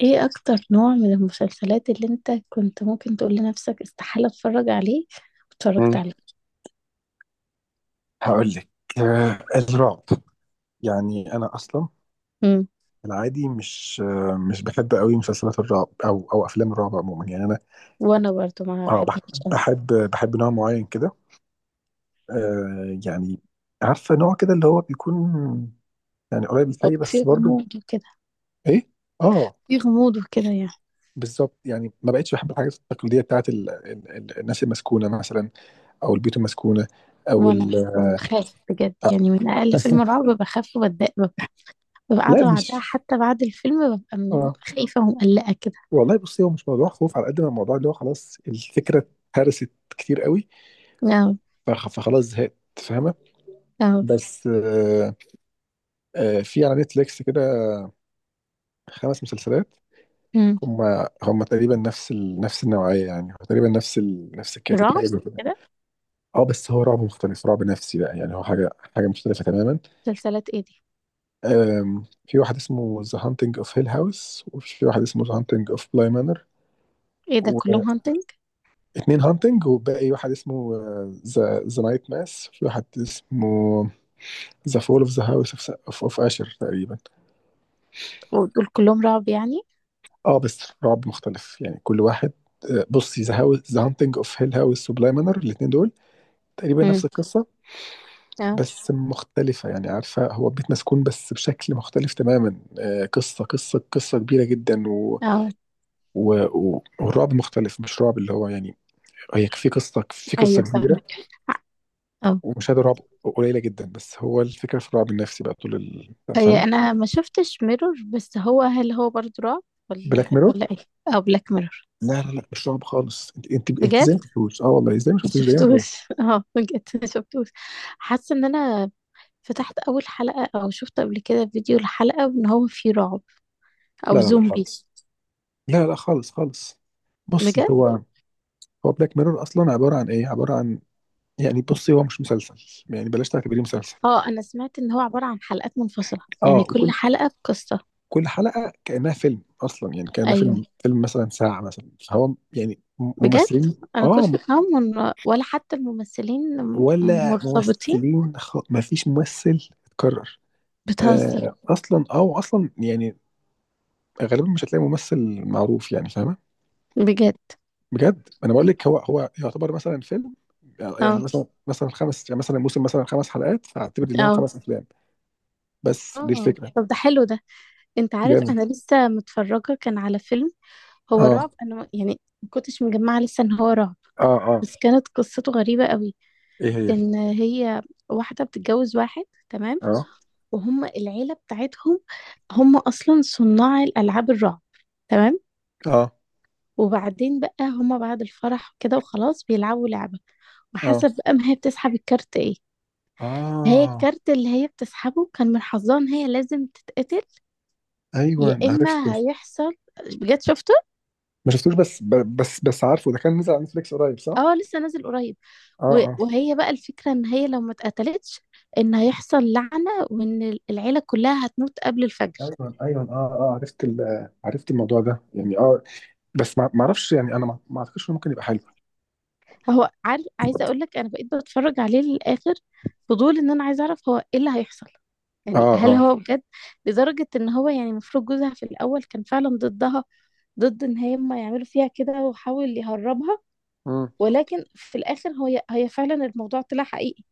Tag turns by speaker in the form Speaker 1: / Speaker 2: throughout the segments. Speaker 1: ايه اكتر نوع من المسلسلات اللي انت كنت ممكن تقول لنفسك استحالة اتفرج عليه
Speaker 2: مم.
Speaker 1: واتفرجت عليه؟
Speaker 2: هقول لك الرعب. يعني انا اصلا
Speaker 1: امم
Speaker 2: العادي مش مش بحب قوي مسلسلات الرعب او او افلام الرعب عموما. يعني انا
Speaker 1: وانا برضو ما
Speaker 2: اه بح-
Speaker 1: احبهاش قوي.
Speaker 2: بحب بحب نوع معين كده. يعني عارفه نوع كده اللي هو بيكون يعني قريب للحقيقة
Speaker 1: في
Speaker 2: بس برضه
Speaker 1: غموض وكده.
Speaker 2: ايه. اه،
Speaker 1: في غموض وكده يعني.
Speaker 2: بالظبط. يعني ما بقتش بحب الحاجات التقليديه بتاعت الناس المسكونه مثلا، او البيوت المسكونه، او
Speaker 1: وانا
Speaker 2: ال...
Speaker 1: بخاف بجد يعني، من اقل فيلم رعب بخاف وبتضايق، ببقى
Speaker 2: لا
Speaker 1: قاعدة بعدها،
Speaker 2: مش.
Speaker 1: حتى بعد الفيلم ببقى
Speaker 2: اه
Speaker 1: خايفة ومقلقة كده.
Speaker 2: والله، بصي، هو مش موضوع خوف على قد ما الموضوع اللي هو خلاص الفكره اتهرست كتير قوي.
Speaker 1: اه.
Speaker 2: فخلاص زهقت، فاهمه؟
Speaker 1: اه.
Speaker 2: بس في على نتفليكس كده خمس مسلسلات،
Speaker 1: امم
Speaker 2: هم هم تقريبا نفس النوعيه. يعني هو تقريبا نفس الكاتب، حاجه
Speaker 1: رعب
Speaker 2: زي كده.
Speaker 1: كده.
Speaker 2: اه بس هو رعب مختلف، رعب نفسي بقى. يعني هو حاجه مختلفه تماما.
Speaker 1: مسلسلات ايه دي؟
Speaker 2: في واحد اسمه ذا هانتنج اوف هيل هاوس، وفي واحد اسمه ذا هانتنج اوف بلاي مانر.
Speaker 1: ايه ده كلهم هانتنج؟
Speaker 2: اتنين هانتنج، وباقي واحد اسمه ذا نايت ماس، في واحد اسمه ذا فول اوف ذا هاوس اوف اشر تقريبا.
Speaker 1: ودول كلهم رعب يعني؟
Speaker 2: اه بس رعب مختلف يعني، كل واحد. بصي، ذا هاوس ذا هانتنج اوف هيل هاوس وبلاي مانر، الاتنين دول تقريبا
Speaker 1: امم.
Speaker 2: نفس القصة
Speaker 1: اه.
Speaker 2: بس مختلفة. يعني عارفة، هو بيت مسكون بس بشكل مختلف تماما. قصة قصة كبيرة جدا،
Speaker 1: اه.
Speaker 2: والرعب مختلف. مش رعب اللي هو يعني، هي في قصة
Speaker 1: ايوه
Speaker 2: كبيرة
Speaker 1: فاهمك. اه.
Speaker 2: ومشاهدة رعب قليلة جدا. بس هو الفكرة في الرعب النفسي بقى طول ال بتاع، فاهم؟
Speaker 1: هي انا ما شفتش ميرور، بس هو هل هو برضه رعب ولا
Speaker 2: بلاك ميرور؟
Speaker 1: ولا ايه؟ او بلاك ميرور؟
Speaker 2: لا لا لا، مش رعب خالص. انت
Speaker 1: بجد
Speaker 2: ازاي ما شفتوش؟ اه والله، ازاي ما
Speaker 1: ما
Speaker 2: شفتوش؟ دايما ايه.
Speaker 1: شفتوش اه بجد ما شفتوش. حاسه ان انا فتحت اول حلقه او شفت قبل كده فيديو لحلقه ان هو فيه رعب
Speaker 2: لا
Speaker 1: او
Speaker 2: لا لا
Speaker 1: زومبي.
Speaker 2: خالص. لا لا، خالص خالص. بصي
Speaker 1: بجد؟
Speaker 2: هو، هو بلاك ميرور اصلا عبارة عن ايه، عبارة عن، يعني بصي هو مش مسلسل، يعني بلاش تعتبريه مسلسل.
Speaker 1: اه انا سمعت ان هو عباره عن حلقات منفصله، يعني
Speaker 2: اه
Speaker 1: كل
Speaker 2: وكل
Speaker 1: حلقه بقصه.
Speaker 2: كل حلقة كأنها فيلم اصلا. يعني كأنها
Speaker 1: ايوه.
Speaker 2: فيلم مثلا ساعة مثلا، فهو يعني
Speaker 1: بجد؟
Speaker 2: ممثلين.
Speaker 1: انا
Speaker 2: اه
Speaker 1: كنت
Speaker 2: م-
Speaker 1: فاهمه ان ولا حتى الممثلين
Speaker 2: ولا
Speaker 1: مرتبطين.
Speaker 2: ممثلين، ما فيش ممثل اتكرر.
Speaker 1: بتهزر؟
Speaker 2: اصلا اه، واصلا يعني غالبا مش هتلاقي ممثل معروف، يعني فاهمه؟
Speaker 1: بجد.
Speaker 2: بجد انا بقول لك، هو هو يعتبر مثلا فيلم. يعني
Speaker 1: اه.
Speaker 2: مثلا خمس، يعني مثلا موسم مثلا خمس حلقات، فاعتبر ان هو
Speaker 1: اه.
Speaker 2: خمس افلام. بس دي
Speaker 1: اه
Speaker 2: الفكره.
Speaker 1: طب ده حلو ده. انت عارف
Speaker 2: جامد.
Speaker 1: انا لسه متفرجه كان على فيلم، هو
Speaker 2: اه
Speaker 1: رعب، انا يعني ما كنتش مجمعه لسه ان هو رعب،
Speaker 2: اه اه.
Speaker 1: بس كانت قصته غريبه قوي.
Speaker 2: ايه هي؟
Speaker 1: ان هي واحده بتتجوز واحد، تمام؟
Speaker 2: اه
Speaker 1: وهم العيله بتاعتهم هم اصلا صناع الالعاب الرعب، تمام؟
Speaker 2: اه
Speaker 1: وبعدين بقى هم بعد الفرح كده وخلاص بيلعبوا لعبه،
Speaker 2: اه
Speaker 1: وحسب بقى ما هي بتسحب الكارت ايه. هي
Speaker 2: اه.
Speaker 1: الكارت اللي هي بتسحبه كان من حظها ان هي لازم تتقتل، يا
Speaker 2: ايوه، عرفته.
Speaker 1: اما هيحصل. بجد شفته؟
Speaker 2: ما شفتوش، بس ب- بس بس عارفه ده كان نزل على نتفليكس قريب، صح؟
Speaker 1: اه لسه نازل قريب.
Speaker 2: اه اه.
Speaker 1: وهي بقى الفكرة ان هي لو ما اتقتلتش ان هيحصل لعنة، وان العيلة كلها هتموت قبل الفجر.
Speaker 2: ايوه ايوه اه اه، عرفت عرفت الموضوع ده يعني، اه. بس ما اعرفش يعني، انا ما اعتقدش انه ممكن يبقى حلو.
Speaker 1: هو عارف، عايزة اقول لك انا بقيت بتفرج عليه للاخر. فضول ان انا عايزة اعرف هو ايه اللي هيحصل،
Speaker 2: اه
Speaker 1: يعني هل
Speaker 2: اه.
Speaker 1: هو بجد لدرجة ان هو، يعني المفروض جوزها في الاول كان فعلا ضدها، ضد ان هم يعملوا فيها كده، وحاول يهربها،
Speaker 2: مم.
Speaker 1: ولكن في الاخر هي فعلا الموضوع طلع حقيقي،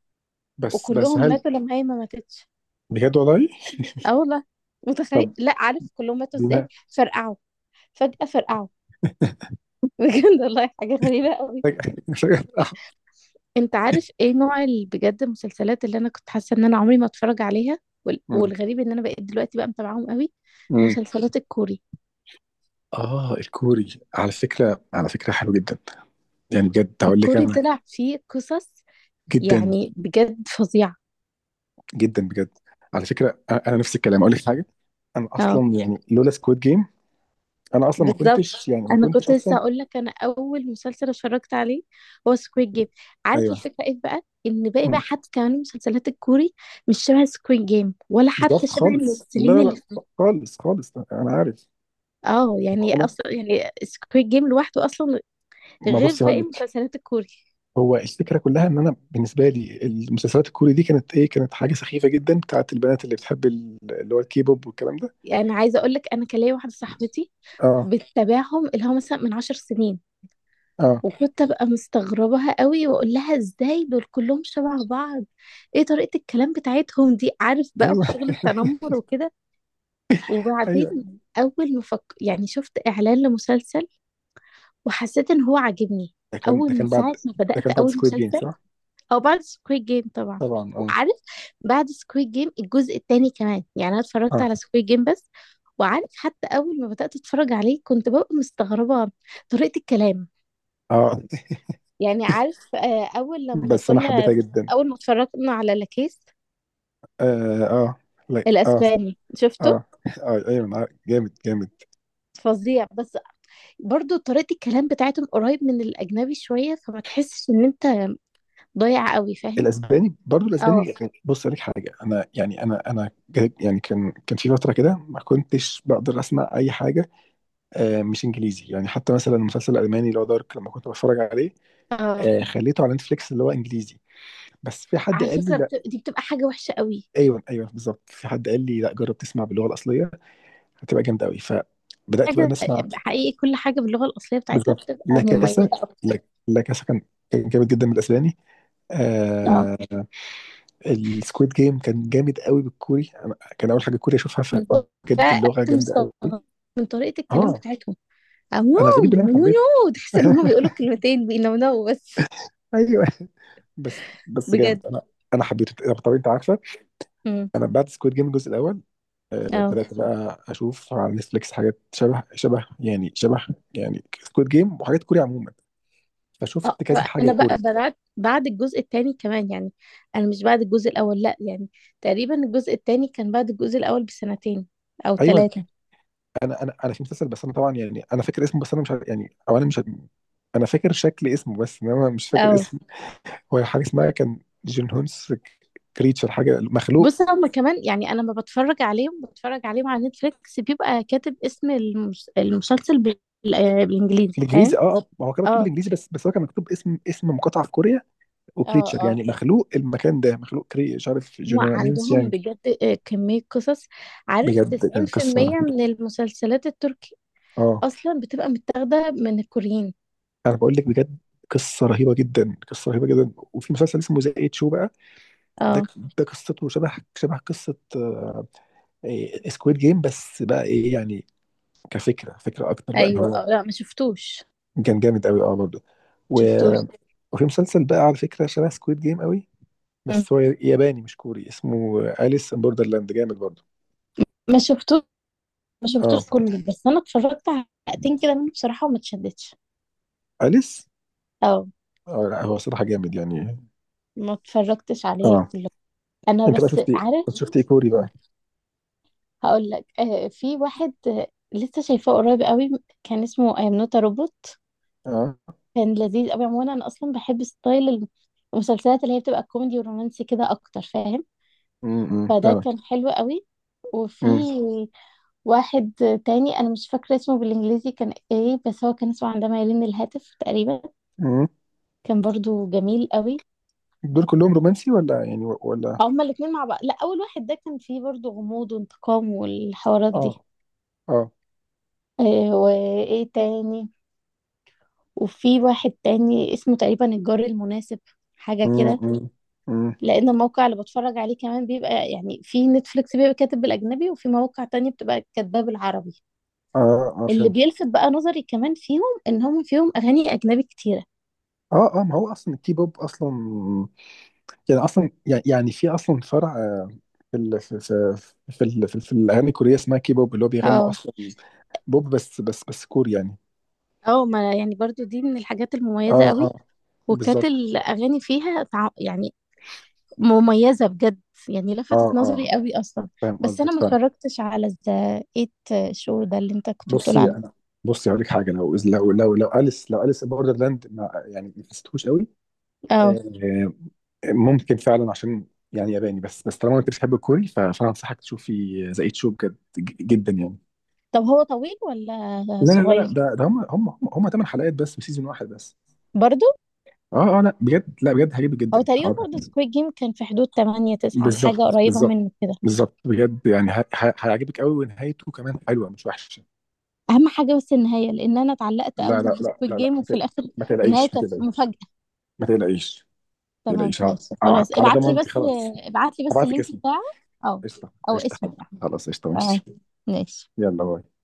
Speaker 2: بس
Speaker 1: وكلهم
Speaker 2: هل.
Speaker 1: ماتوا لما هي ما ماتتش.
Speaker 2: بجد والله؟
Speaker 1: اه والله. متخيل؟ لا عارف كلهم ماتوا
Speaker 2: دي
Speaker 1: ازاي،
Speaker 2: ما-
Speaker 1: فرقعوا فجأة، فرقعوا بجد والله حاجة غريبة قوي.
Speaker 2: محتاج-
Speaker 1: انت عارف ايه نوع بجد المسلسلات اللي انا كنت حاسة ان انا عمري ما اتفرج عليها؟
Speaker 2: مم.
Speaker 1: والغريب ان انا بقيت دلوقتي بقى متابعاهم قوي.
Speaker 2: مم.
Speaker 1: مسلسلات الكوري.
Speaker 2: اه الكوري على فكره، على فكره حلو جدا. يعني بجد هقول لك
Speaker 1: الكوري
Speaker 2: انا،
Speaker 1: طلع فيه قصص
Speaker 2: جدا
Speaker 1: يعني بجد فظيعة.
Speaker 2: جدا بجد. على فكره، انا نفس الكلام اقول لك حاجه. انا
Speaker 1: اه
Speaker 2: اصلا يعني لولا سكواد جيم انا اصلا ما
Speaker 1: بالظبط.
Speaker 2: كنتش، يعني ما
Speaker 1: انا
Speaker 2: كنتش
Speaker 1: كنت لسه
Speaker 2: اصلا.
Speaker 1: اقول لك، انا اول مسلسل اتفرجت عليه هو سكويد جيم. عارف
Speaker 2: ايوه.
Speaker 1: الفكرة ايه بقى؟ ان باقي بقى
Speaker 2: مم.
Speaker 1: حتى كمان المسلسلات الكوري مش شبه سكويد جيم، ولا حتى
Speaker 2: بالظبط
Speaker 1: شبه
Speaker 2: خالص، لا
Speaker 1: الممثلين
Speaker 2: لا
Speaker 1: اللي فيه.
Speaker 2: لا. خالص خالص، انا عارف.
Speaker 1: اه يعني
Speaker 2: انا،
Speaker 1: اصلا يعني سكويد جيم لوحده اصلا
Speaker 2: ما
Speaker 1: غير
Speaker 2: بصي هقول
Speaker 1: باقي
Speaker 2: لك.
Speaker 1: المسلسلات الكوري.
Speaker 2: هو الفكره كلها ان انا بالنسبه لي المسلسلات الكوري دي كانت ايه، كانت حاجه سخيفه جدا بتاعت البنات اللي بتحب اللي هو الكي بوب والكلام ده.
Speaker 1: يعني عايزه اقول لك، انا كان ليا واحده صاحبتي
Speaker 2: اه
Speaker 1: بتتابعهم، اللي هو مثلا من 10 سنين،
Speaker 2: اه.
Speaker 1: وكنت ابقى مستغربها قوي، واقول لها ازاي دول كلهم شبه بعض، ايه طريقه الكلام بتاعتهم دي؟ عارف بقى
Speaker 2: ايوه
Speaker 1: في شغل التنمر وكده. وبعدين
Speaker 2: ايوه،
Speaker 1: اول ما فك... يعني شفت اعلان لمسلسل، وحسيت ان هو عاجبني،
Speaker 2: ده كان
Speaker 1: اول
Speaker 2: ده
Speaker 1: من
Speaker 2: كان بعد
Speaker 1: ساعه ما
Speaker 2: ده
Speaker 1: بدات
Speaker 2: كان بعد
Speaker 1: اول
Speaker 2: سكويد جيم
Speaker 1: مسلسل.
Speaker 2: صح؟
Speaker 1: او بعد سكويد جيم طبعا.
Speaker 2: طبعا اه
Speaker 1: وعارف بعد سكويد جيم الجزء التاني كمان، يعني انا اتفرجت
Speaker 2: اه
Speaker 1: على سكويد جيم بس. وعارف حتى اول ما بدات اتفرج عليه كنت ببقى مستغربه طريقه الكلام.
Speaker 2: اه.
Speaker 1: يعني عارف، اول لما
Speaker 2: بس انا
Speaker 1: كنا،
Speaker 2: حبيتها جدا.
Speaker 1: اول ما اتفرجنا على لاكيس
Speaker 2: اه اه لا اه.
Speaker 1: الاسباني، شفته؟
Speaker 2: اه اه ايوه، أنا عارف. جامد جامد.
Speaker 1: فظيع، بس برضو طريقه الكلام بتاعتهم قريب من الاجنبي شويه، فما تحسش ان انت ضايع قوي، فاهم؟
Speaker 2: الاسباني، برضو
Speaker 1: اه.
Speaker 2: الاسباني كان- بص اقول لك حاجه، انا يعني انا جا-، يعني كان في فتره كده ما كنتش بقدر اسمع اي حاجه مش انجليزي. يعني حتى مثلا المسلسل الالماني اللي هو دارك، لما كنت بتفرج عليه
Speaker 1: اه.
Speaker 2: خليته على نتفليكس اللي هو انجليزي، بس في حد
Speaker 1: على
Speaker 2: قال لي
Speaker 1: فكره
Speaker 2: لا.
Speaker 1: دي بتبقى حاجه وحشه قوي.
Speaker 2: ايوه ايوه بالظبط، في حد قال لي لا جرب تسمع باللغه الاصليه، هتبقى جامده قوي. فبدات بقى
Speaker 1: حاجة
Speaker 2: نسمع.
Speaker 1: حقيقي، كل حاجة باللغة الأصلية بتاعتها
Speaker 2: بالظبط.
Speaker 1: بتبقى
Speaker 2: لا
Speaker 1: مميزة
Speaker 2: كاسا،
Speaker 1: أكتر.
Speaker 2: لا لا كاسا كان، كان جامد جدا بالاسباني.
Speaker 1: اه.
Speaker 2: آه. السكويد جيم كان جامد قوي بالكوري، انا كان اول حاجه كوري اشوفها
Speaker 1: من جوه
Speaker 2: فبجد
Speaker 1: بقى
Speaker 2: اللغه جامده قوي.
Speaker 1: مستغرب من طريقة الكلام
Speaker 2: اه،
Speaker 1: بتاعتهم. أو نو،
Speaker 2: انا غريب ان انا
Speaker 1: نو نو
Speaker 2: حبيته.
Speaker 1: نو، تحس إن هما بيقولوا كلمتين بينونوا بس.
Speaker 2: ايوه. بس بس
Speaker 1: بجد.
Speaker 2: جامد. انا انا حبيته. طب انت عارف،
Speaker 1: امم
Speaker 2: انا بعد سكويد جيم الجزء الاول
Speaker 1: اه.
Speaker 2: بدات بقى اشوف على نتفليكس حاجات شبه يعني شبه، يعني سكويد جيم وحاجات كوري عموما.
Speaker 1: آه،
Speaker 2: فشفت كذا حاجه
Speaker 1: أنا بقى
Speaker 2: كوري.
Speaker 1: بدأت بعد الجزء التاني كمان يعني. أنا مش بعد الجزء الأول لأ يعني. تقريبا الجزء التاني كان بعد الجزء الأول بسنتين أو
Speaker 2: ايوه.
Speaker 1: ثلاثة.
Speaker 2: انا في مسلسل، بس انا طبعا يعني انا فاكر اسمه، بس انا مش عارف يعني، او انا مش عارف- انا فاكر شكل اسمه بس انما مش فاكر اسمه. هو حاجه اسمها كان جون هونس كريتشر، حاجه مخلوق.
Speaker 1: بص هما كمان، يعني انا لما بتفرج عليهم، بتفرج عليهم على نتفليكس، بيبقى كاتب اسم المسلسل بالانجليزي، فاهم؟
Speaker 2: الانجليزي اه اه. ما هو كان مكتوب
Speaker 1: اه.
Speaker 2: بالانجليزي، بس هو كان مكتوب اسم، اسم مقاطعه في كوريا،
Speaker 1: اه.
Speaker 2: وكريتشر
Speaker 1: اه.
Speaker 2: يعني مخلوق. المكان ده مخلوق، كري مش عارف، جون هونس
Speaker 1: وعندهم
Speaker 2: يانج.
Speaker 1: بجد كمية قصص. عارف
Speaker 2: بجد كانت
Speaker 1: 90%
Speaker 2: قصه،
Speaker 1: من المسلسلات التركي
Speaker 2: اه.
Speaker 1: اصلا بتبقى متاخدة من الكوريين.
Speaker 2: انا بقول لك بجد، قصه رهيبه جدا. وفي مسلسل اسمه ذا ايت شو بقى، ده
Speaker 1: اه.
Speaker 2: ده قصته شبه قصه سكويد جيم، بس بقى ايه يعني كفكره، فكره اكتر بقى ما
Speaker 1: ايوه.
Speaker 2: هو.
Speaker 1: آه لا ما شفتوش
Speaker 2: كان جامد قوي اه برضه، و-
Speaker 1: شفتوش
Speaker 2: وفي مسلسل بقى على فكره شبه سكويد جيم قوي،
Speaker 1: مم.
Speaker 2: بس هو ياباني مش كوري، اسمه اليس ان بوردرلاند. جامد برضه
Speaker 1: ما شفتوش. ما شفتوش
Speaker 2: اه.
Speaker 1: كله، بس انا اتفرجت على حلقتين كده منه بصراحة وما اتشدتش.
Speaker 2: اليس،
Speaker 1: اه.
Speaker 2: اه لا هو صراحه جامد يعني.
Speaker 1: ما اتفرجتش عليه
Speaker 2: اه.
Speaker 1: كله، انا
Speaker 2: انت بقى
Speaker 1: بس
Speaker 2: شفتي، انت
Speaker 1: عارف.
Speaker 2: شفتي إيه كوري بقى؟
Speaker 1: هقول لك، في واحد لسه شايفاه قريب قوي، كان اسمه ايم نوت روبوت.
Speaker 2: اه.
Speaker 1: كان لذيذ قوي. عموما انا اصلا بحب ستايل المسلسلات اللي هي بتبقى كوميدي ورومانسي كده اكتر، فاهم؟
Speaker 2: امم،
Speaker 1: فده
Speaker 2: فعلا.
Speaker 1: كان حلو قوي. وفي واحد تاني انا مش فاكره اسمه بالانجليزي كان ايه، بس هو كان اسمه عندما يلين الهاتف تقريبا.
Speaker 2: امم.
Speaker 1: كان برضو جميل قوي.
Speaker 2: دول كلهم رومانسي ولا يعني و- ولا؟
Speaker 1: هما الاتنين مع بعض. لا، اول واحد ده كان فيه برضو غموض وانتقام والحوارات دي.
Speaker 2: اه اه.
Speaker 1: وايه تاني؟ وفي واحد تاني اسمه تقريبا الجار المناسب، حاجة كده.
Speaker 2: امم امم.
Speaker 1: لأن الموقع اللي بتفرج عليه كمان بيبقى، يعني في نتفليكس بيبقى كاتب بالأجنبي، وفي مواقع تانية بتبقى كاتباه بالعربي.
Speaker 2: اه اه
Speaker 1: اللي
Speaker 2: فهمت.
Speaker 1: بيلفت بقى نظري كمان فيهم إن هم فيهم أغاني أجنبي كتيرة.
Speaker 2: اه اه، ما هو اصلا الكيبوب اصلا يعني اصلا يعني، يعني في اصلا فرع في في الاغاني الكوريه اسمها كيبوب، اللي هو بيغنوا
Speaker 1: اه.
Speaker 2: اصلا بوب بس كوري يعني.
Speaker 1: اه. ما يعني برضو دي من الحاجات المميزة
Speaker 2: اه
Speaker 1: قوي.
Speaker 2: اه
Speaker 1: وكانت
Speaker 2: بالظبط.
Speaker 1: الأغاني فيها مميزة بجد. يعني
Speaker 2: اه
Speaker 1: لفتت
Speaker 2: اه،
Speaker 1: نظري قوي أصلا.
Speaker 2: فاهم
Speaker 1: بس
Speaker 2: قصدك
Speaker 1: أنا ما
Speaker 2: فاهم.
Speaker 1: اتفرجتش على ذا إيت شو ده اللي أنت كنت بتقول
Speaker 2: بصي
Speaker 1: عليه.
Speaker 2: انا، بصي هقول لك حاجه، لو اليس بوردرلاند ما يعني ما حسيتهوش قوي،
Speaker 1: اه
Speaker 2: آه، ممكن فعلا عشان يعني ياباني. بس طالما انت بتحب الكوري، ف- فانا انصحك تشوفي ذا ايت شو، بجد ج- جدا يعني.
Speaker 1: طب هو طويل ولا
Speaker 2: لا،
Speaker 1: صغير؟
Speaker 2: ده ده هم 8 حلقات بس، وسيزون واحد بس.
Speaker 1: برضو.
Speaker 2: اه اه. لا بجد لا بجد، هيعجبك
Speaker 1: او
Speaker 2: جدا
Speaker 1: تقريبا
Speaker 2: هقولك.
Speaker 1: برضو سكويد جيم كان في حدود 8 9 حاجه
Speaker 2: بالظبط
Speaker 1: قريبه
Speaker 2: بالظبط
Speaker 1: منه كده.
Speaker 2: بالظبط، بجد يعني ه- ه- هيعجبك قوي، ونهايته كمان حلوه مش وحشه.
Speaker 1: اهم حاجه بس النهايه، لان انا اتعلقت
Speaker 2: لا
Speaker 1: قوي
Speaker 2: لا لا لا
Speaker 1: بسكويد
Speaker 2: لا
Speaker 1: جيم
Speaker 2: ما
Speaker 1: وفي
Speaker 2: تق-
Speaker 1: الاخر
Speaker 2: ما
Speaker 1: النهايه
Speaker 2: تقلقيش، ما
Speaker 1: كانت
Speaker 2: تقلقيش،
Speaker 1: مفاجاه.
Speaker 2: ما تقلقيش، ما
Speaker 1: تمام
Speaker 2: تقلقيش، ع-
Speaker 1: ماشي
Speaker 2: ع-
Speaker 1: خلاص،
Speaker 2: على
Speaker 1: ابعت لي
Speaker 2: ضمانتي
Speaker 1: بس.
Speaker 2: خلاص.
Speaker 1: ابعت لي بس
Speaker 2: هبعت لك
Speaker 1: اللينك
Speaker 2: اسمي.
Speaker 1: بتاعه. او.
Speaker 2: قشطه
Speaker 1: او
Speaker 2: قشطه
Speaker 1: اسمه
Speaker 2: حاضر.
Speaker 1: يعني.
Speaker 2: خلاص قشطه
Speaker 1: تمام
Speaker 2: ماشي.
Speaker 1: ماشي.
Speaker 2: يلا باي.